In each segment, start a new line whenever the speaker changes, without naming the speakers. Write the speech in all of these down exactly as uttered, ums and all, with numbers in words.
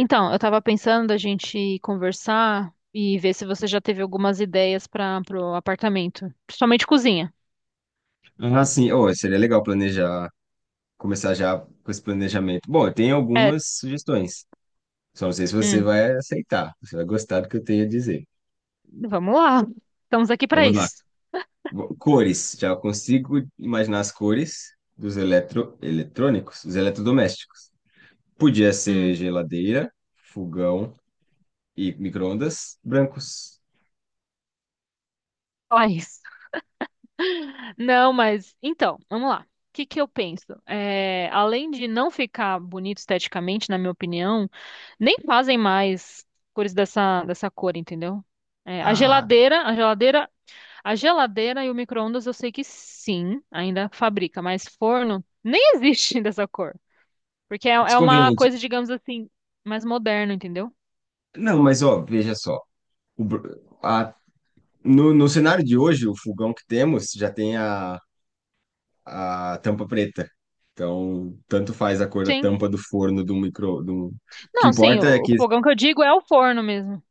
Então, eu tava pensando a gente conversar e ver se você já teve algumas ideias para pro apartamento, principalmente cozinha.
Ah, sim. Oh, seria legal planejar, começar já com esse planejamento. Bom, eu tenho
É,
algumas sugestões. Só não sei se você
hum,
vai aceitar, você vai gostar do que eu tenho a dizer.
vamos lá. Estamos aqui para
Vamos lá.
isso.
Bo- Cores. Já consigo imaginar as cores dos eletro... eletrônicos, dos eletrodomésticos. Podia ser
Hum,
geladeira, fogão e micro-ondas brancos.
só isso. Não, mas então, vamos lá. O que que eu penso? É, além de não ficar bonito esteticamente, na minha opinião, nem fazem mais cores dessa, dessa cor, entendeu? É, a
Ah,
geladeira, a geladeira a geladeira e o micro-ondas eu sei que sim, ainda fabrica, mas forno nem existe dessa cor. Porque é, é uma
desconveniente.
coisa, digamos assim, mais moderna, entendeu?
Não, mas ó, veja só. O br- a- no, no cenário de hoje, o fogão que temos já tem a a tampa preta. Então, tanto faz a cor da
Sim.
tampa do forno do micro, do... O que
Não, sim,
importa é
o, o
que
fogão que eu digo é o forno mesmo.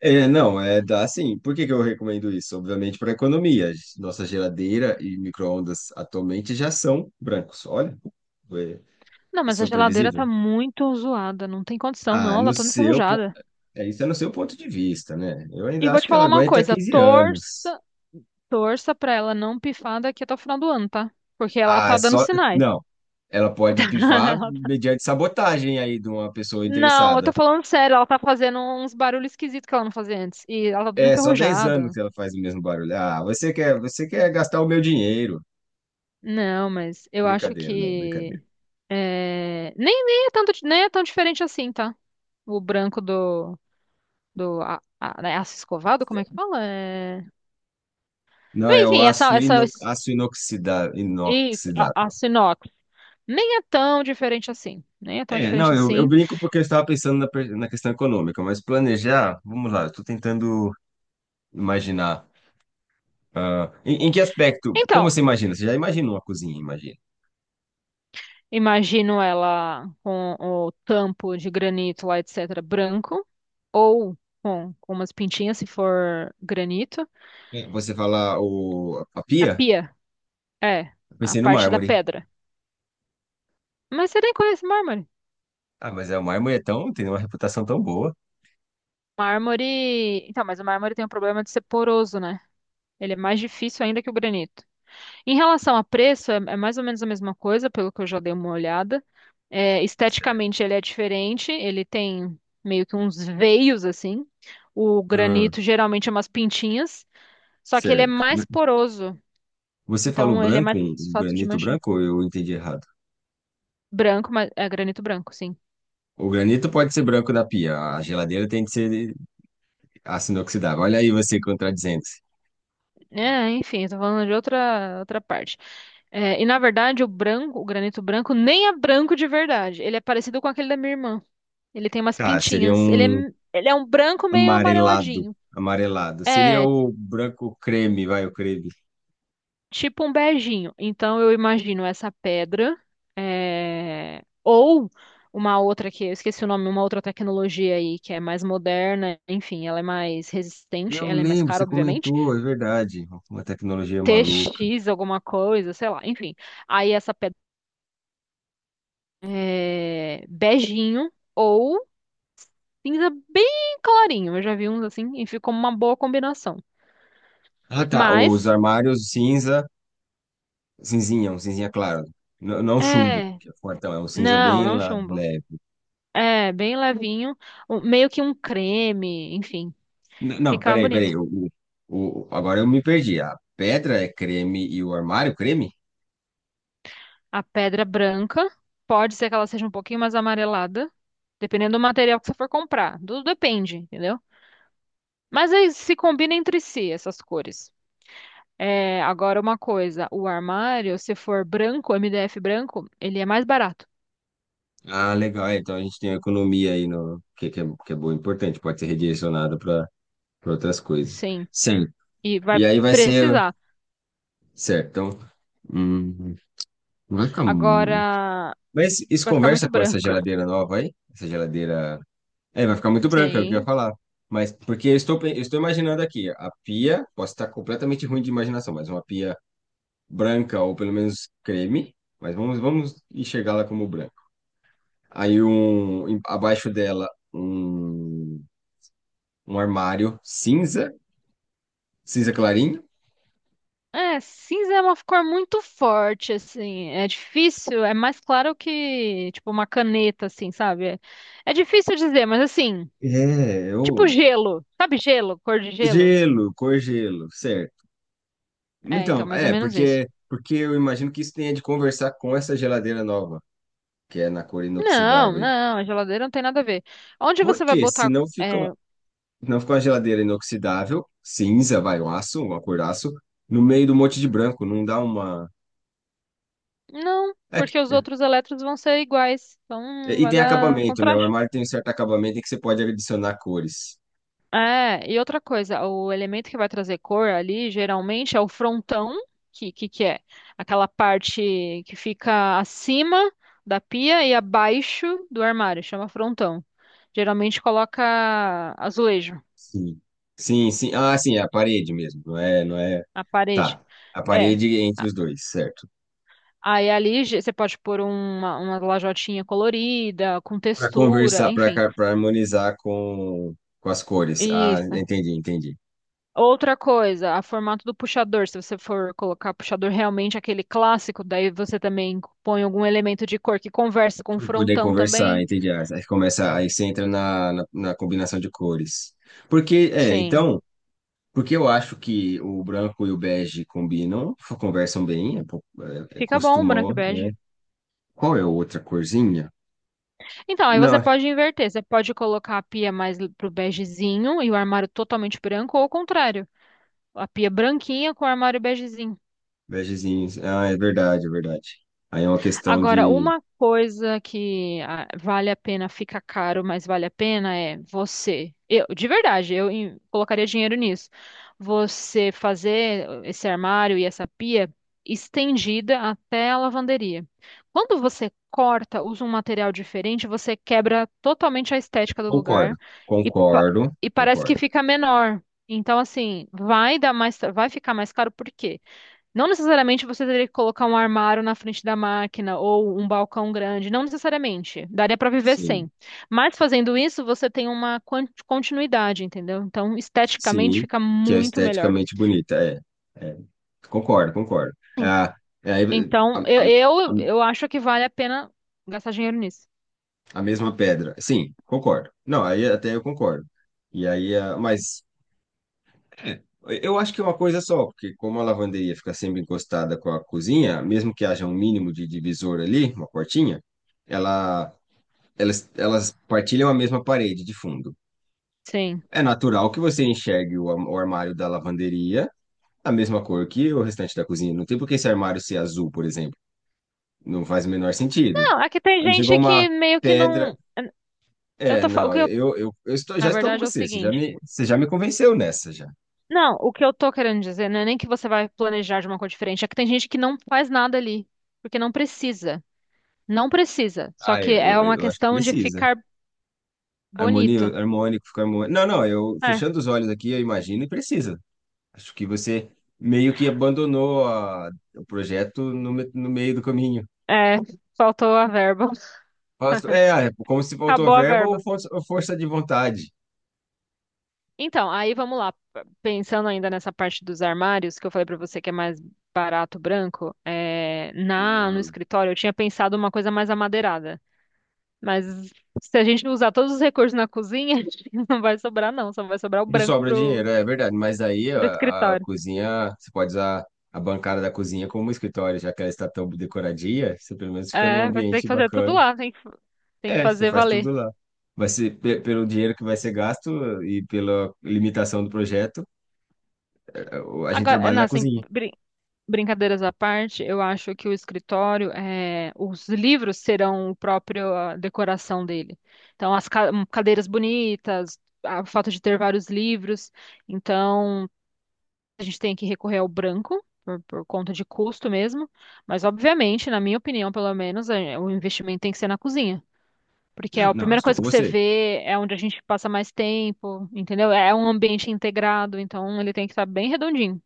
é, não, é dá assim. Por que que eu recomendo isso? Obviamente para economia. Nossa geladeira e micro-ondas atualmente já são brancos. Olha, é,
Não, mas a
isso é
geladeira tá
previsível.
muito zoada, não tem condição, não,
Ah,
ela
no
tá toda
seu, po-
enferrujada.
é, isso é no seu ponto de vista, né? Eu
E
ainda
vou
acho
te
que ela
falar uma
aguenta
coisa,
quinze anos.
torça, torça pra ela não pifar daqui até o final do ano, tá? Porque ela
Ah,
tá dando
só,
sinais.
não. Ela pode pifar mediante sabotagem aí de uma pessoa
não, eu tô
interessada.
falando sério, ela tá fazendo uns barulhos esquisitos que ela não fazia antes. E ela tá toda
É, só dez anos
enferrujada.
que ela faz o mesmo barulho. Ah, você quer, você quer gastar o meu dinheiro.
Não, mas eu acho
Brincadeira, não, brincadeira.
que é, nem, nem é tanto, di- nem é tão diferente assim, tá? O branco do, do a, a, né, aço escovado, como é que fala? É...
Não, é o
Enfim, essa,
aço,
essa
ino, aço inoxida-
e a, a
inoxidável.
sinox nem é tão diferente assim, nem é tão
É,
diferente
não, eu, eu
assim.
brinco porque eu estava pensando na, per- na questão econômica, mas planejar, vamos lá, eu estou tentando imaginar. ah, em, em que aspecto? Como
Então,
você imagina? Você já imagina uma cozinha, imagina.
imagino ela com o tampo de granito lá, etc, branco, ou com, com umas pintinhas, se for granito.
É. Você falar o, a
A
pia?
pia, é,
Eu
a
pensei no
parte da
mármore.
pedra. Mas você nem conhece mármore.
Ah, mas é, o mármore é tão, tem uma reputação tão boa.
Mármore. Então, mas o mármore tem um problema de ser poroso, né? Ele é mais difícil ainda que o granito. Em relação a preço, é, é mais ou menos a mesma coisa, pelo que eu já dei uma olhada. É,
Certo.
esteticamente, ele é diferente, ele tem meio que uns veios assim. O
Hum,
granito geralmente é umas pintinhas, só que ele é
certo.
mais poroso,
Você falou
então ele é
branco,
mais
um um
fácil de
granito
manchar.
branco, ou eu entendi errado?
Branco, mas é granito branco, sim.
O granito pode ser branco da pia, a geladeira tem que ser aço inoxidável. Olha aí você contradizendo-se.
É, enfim, tô falando de outra, outra parte. É, e na verdade, o branco, o granito branco, nem é branco de verdade. Ele é parecido com aquele da minha irmã. Ele tem umas
Tá, seria
pintinhas. Ele
um
é, ele é um branco meio
amarelado,
amareladinho.
amarelado. Seria
É,
o branco creme, vai, o creme.
tipo um beijinho. Então eu imagino essa pedra, é, ou uma outra que eu esqueci o nome, uma outra tecnologia aí que é mais moderna, enfim, ela é mais resistente,
Eu
ela é mais
lembro,
cara,
você
obviamente.
comentou, é verdade. Uma tecnologia maluca.
T X, alguma coisa, sei lá, enfim. Aí essa pedra é, beijinho ou cinza bem clarinho. Eu já vi uns assim e ficou uma boa combinação.
Ah, tá, os
Mas,
armários cinza, cinzinha, um cinzinha claro. N- Não chumbo,
é,
que é fortão, é um cinza
não,
bem
não
lá,
chumbo.
leve.
É, bem levinho, um- meio que um creme, enfim,
N- Não,
fica
peraí, peraí.
bonito.
O, o, o- agora eu me perdi. A pedra é creme e o armário creme?
A pedra branca, pode ser que ela seja um pouquinho mais amarelada, dependendo do material que você for comprar. Tudo depende, entendeu? Mas aí se combina entre si essas cores. É, agora uma coisa, o armário, se for branco, M D F branco, ele é mais barato.
Ah, legal. é, Então a gente tem uma economia aí no que, que, é, que é boa, importante. Pode ser redirecionada para outras coisas.
Sim.
Certo.
E vai
E aí vai ser.
precisar.
Certo. Então. hum, não vai ficar. mu-
Agora,
Mas isso
vai ficar
conversa
muito
com essa
branco.
geladeira nova aí? Essa geladeira. É, vai ficar muito branca, é o que eu ia
Sim.
falar. Mas porque eu estou, pe- eu estou imaginando aqui, a pia, posso estar completamente ruim de imaginação, mas uma pia branca, ou pelo menos creme, mas vamos, vamos enxergá-la como branca. Aí um, em- abaixo dela um, um armário cinza, cinza clarinho.
É, cinza é uma cor muito forte, assim. É difícil, é mais claro que, tipo, uma caneta, assim, sabe? É, é difícil dizer, mas assim,
É,
tipo
eu,
gelo. Sabe gelo? Cor de gelo?
gelo, cor gelo, certo.
É, então,
Então,
mais ou
é,
menos isso.
porque, porque, eu imagino que isso tenha de conversar com essa geladeira nova, que é na cor
Não,
inoxidável.
não, a geladeira não tem nada a ver. Onde
Por
você vai
quê?
botar?
Senão fica,
É,
uma- não fica uma geladeira inoxidável, cinza, vai, um aço, uma cor aço, no meio do monte de branco, não dá uma.
não,
É,
porque os outros elétrons vão ser iguais. Então,
E e
vai
tem
dar
acabamento, né? O
contraste.
armário tem um certo acabamento em que você pode adicionar cores.
É, e outra coisa, o elemento que vai trazer cor ali geralmente é o frontão, que, que, que é aquela parte que fica acima da pia e abaixo do armário, chama frontão. Geralmente coloca azulejo
Sim. Sim, sim. Ah, sim, é a parede mesmo. Não é, não é.
a parede.
Tá. A
É.
parede entre os
A-
dois, certo?
Aí ali ge- você pode pôr uma, uma lajotinha colorida, com
Para
textura,
conversar, para
enfim.
para harmonizar com, com as cores. Ah,
Isso.
entendi, entendi.
Outra coisa, a formato do puxador. Se você for colocar puxador realmente aquele clássico, daí você também põe algum elemento de cor que conversa com o
Para poder
frontão
conversar,
também.
entendi. Ah, aí começa, aí você entra na, na, na combinação de cores. Porque, é,
Sim.
então, porque eu acho que o branco e o bege combinam, conversam bem, é, po- é, é-
Fica bom, branco e
costumam. É.
bege.
Qual é a outra corzinha?
Então, aí você
Não,
pode inverter. Você pode colocar a pia mais l- pro begezinho e o armário totalmente branco, ou ao contrário, a pia branquinha com o armário begezinho.
vegezinhos. Ah, é verdade, é verdade. Aí é uma questão
Agora,
de.
uma coisa que ah, vale a pena, fica caro, mas vale a pena é você. Eu, de verdade, eu em- colocaria dinheiro nisso. Você fazer esse armário e essa pia estendida até a lavanderia. Quando você corta, usa um material diferente, você quebra totalmente a estética do lugar
Concordo,
e, pa-
concordo,
e parece que
concordo.
fica menor. Então, assim, vai dar mais, vai ficar mais caro, por quê? Não necessariamente você teria que colocar um armário na frente da máquina ou um balcão grande, não necessariamente. Daria para viver
Sim,
sem. Mas fazendo isso, você tem uma quan- continuidade, entendeu? Então, esteticamente
sim,
fica
que é
muito melhor.
esteticamente bonita. É, é. Concordo, concordo.
Sim.
Ah, é, aí, a,
Então, eu,
a, a
eu, eu acho que vale a pena gastar dinheiro nisso.
a mesma pedra. Sim, concordo. Não, aí até eu concordo. E aí, ah, mas eu acho que é uma coisa só, porque como a lavanderia fica sempre encostada com a cozinha, mesmo que haja um mínimo de divisor ali, uma portinha, ela elas, elas partilham a mesma parede de fundo.
Sim.
É natural que você enxergue o, am- o armário da lavanderia a mesma cor que o restante da cozinha. Não tem por que esse armário ser azul, por exemplo. Não faz o menor sentido.
Não, aqui tem
A não ser que
gente que
uma
meio que
pedra.
não. Eu
É,
tô, fa- o
não,
que eu,
eu, eu, eu estou,
na
já estou com
verdade, é o
você. Você já
seguinte.
me, você já me convenceu nessa já.
Não, o que eu tô querendo dizer não é nem que você vai planejar de uma cor diferente, é que tem gente que não faz nada ali, porque não precisa. Não precisa, só
Ah,
que
eu,
é
eu,
uma
eu acho que
questão de
precisa.
ficar
Harmonia,
bonito.
harmônico, fica harmônico. Não, não, eu
É,
fechando os olhos aqui, eu imagino e precisa. Acho que você meio que abandonou a- o projeto no, me- no meio do caminho.
é, faltou a verba.
Faço- É, é, como se faltou
Acabou a
verba ou
verba.
força ou força de vontade.
Então, aí vamos lá. Pensando ainda nessa parte dos armários, que eu falei pra você que é mais barato branco, é, na no
Hum.
escritório eu tinha pensado uma coisa mais amadeirada. Mas se a gente usar todos os recursos na cozinha, a gente não vai sobrar não, só vai sobrar o
Não
branco
sobra
pro,
dinheiro, é verdade. Mas aí a,
pro
a
escritório.
cozinha, você pode usar a bancada da cozinha como um escritório, já que ela está tão decoradinha, você pelo menos fica num
É, vai ter que
ambiente
fazer tudo
bacana.
lá, tem que, tem que
É, você
fazer
faz
valer.
tudo lá. Vai ser pe- pelo dinheiro que vai ser gasto e pela limitação do projeto, é, o- a gente
Agora, é,
trabalha
não,
na
assim,
cozinha.
brin- brincadeiras à parte, eu acho que o escritório, eh, os livros serão o próprio a decoração dele. Então, as ca- hum, cadeiras bonitas, a- o fato de ter vários livros. Então, a gente tem que recorrer ao branco, por, por conta de custo mesmo. Mas, obviamente, na minha opinião, pelo menos, eh, o investimento tem que ser na cozinha. Porque é
Eu,
a
não, eu
primeira
estou
coisa
com
que você
você.
vê, é onde a gente passa mais tempo, entendeu? É um ambiente integrado, então ele tem que estar bem redondinho.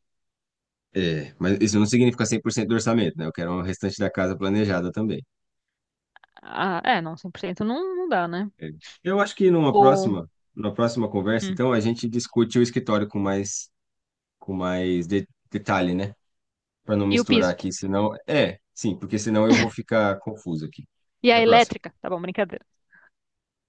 É, mas isso não significa cem por cento do orçamento, né? Eu quero o restante da casa planejada também.
Ah, é, não, cem por cento não, não dá, né?
É. Eu acho que numa
o-
próxima, numa próxima conversa,
hum,
então, a gente discute o escritório com mais, com mais de- detalhe, né? Para não
e o
misturar
piso.
aqui, senão. É, sim, porque senão eu vou ficar confuso aqui.
E a
Até a próxima.
elétrica, tá bom, brincadeira.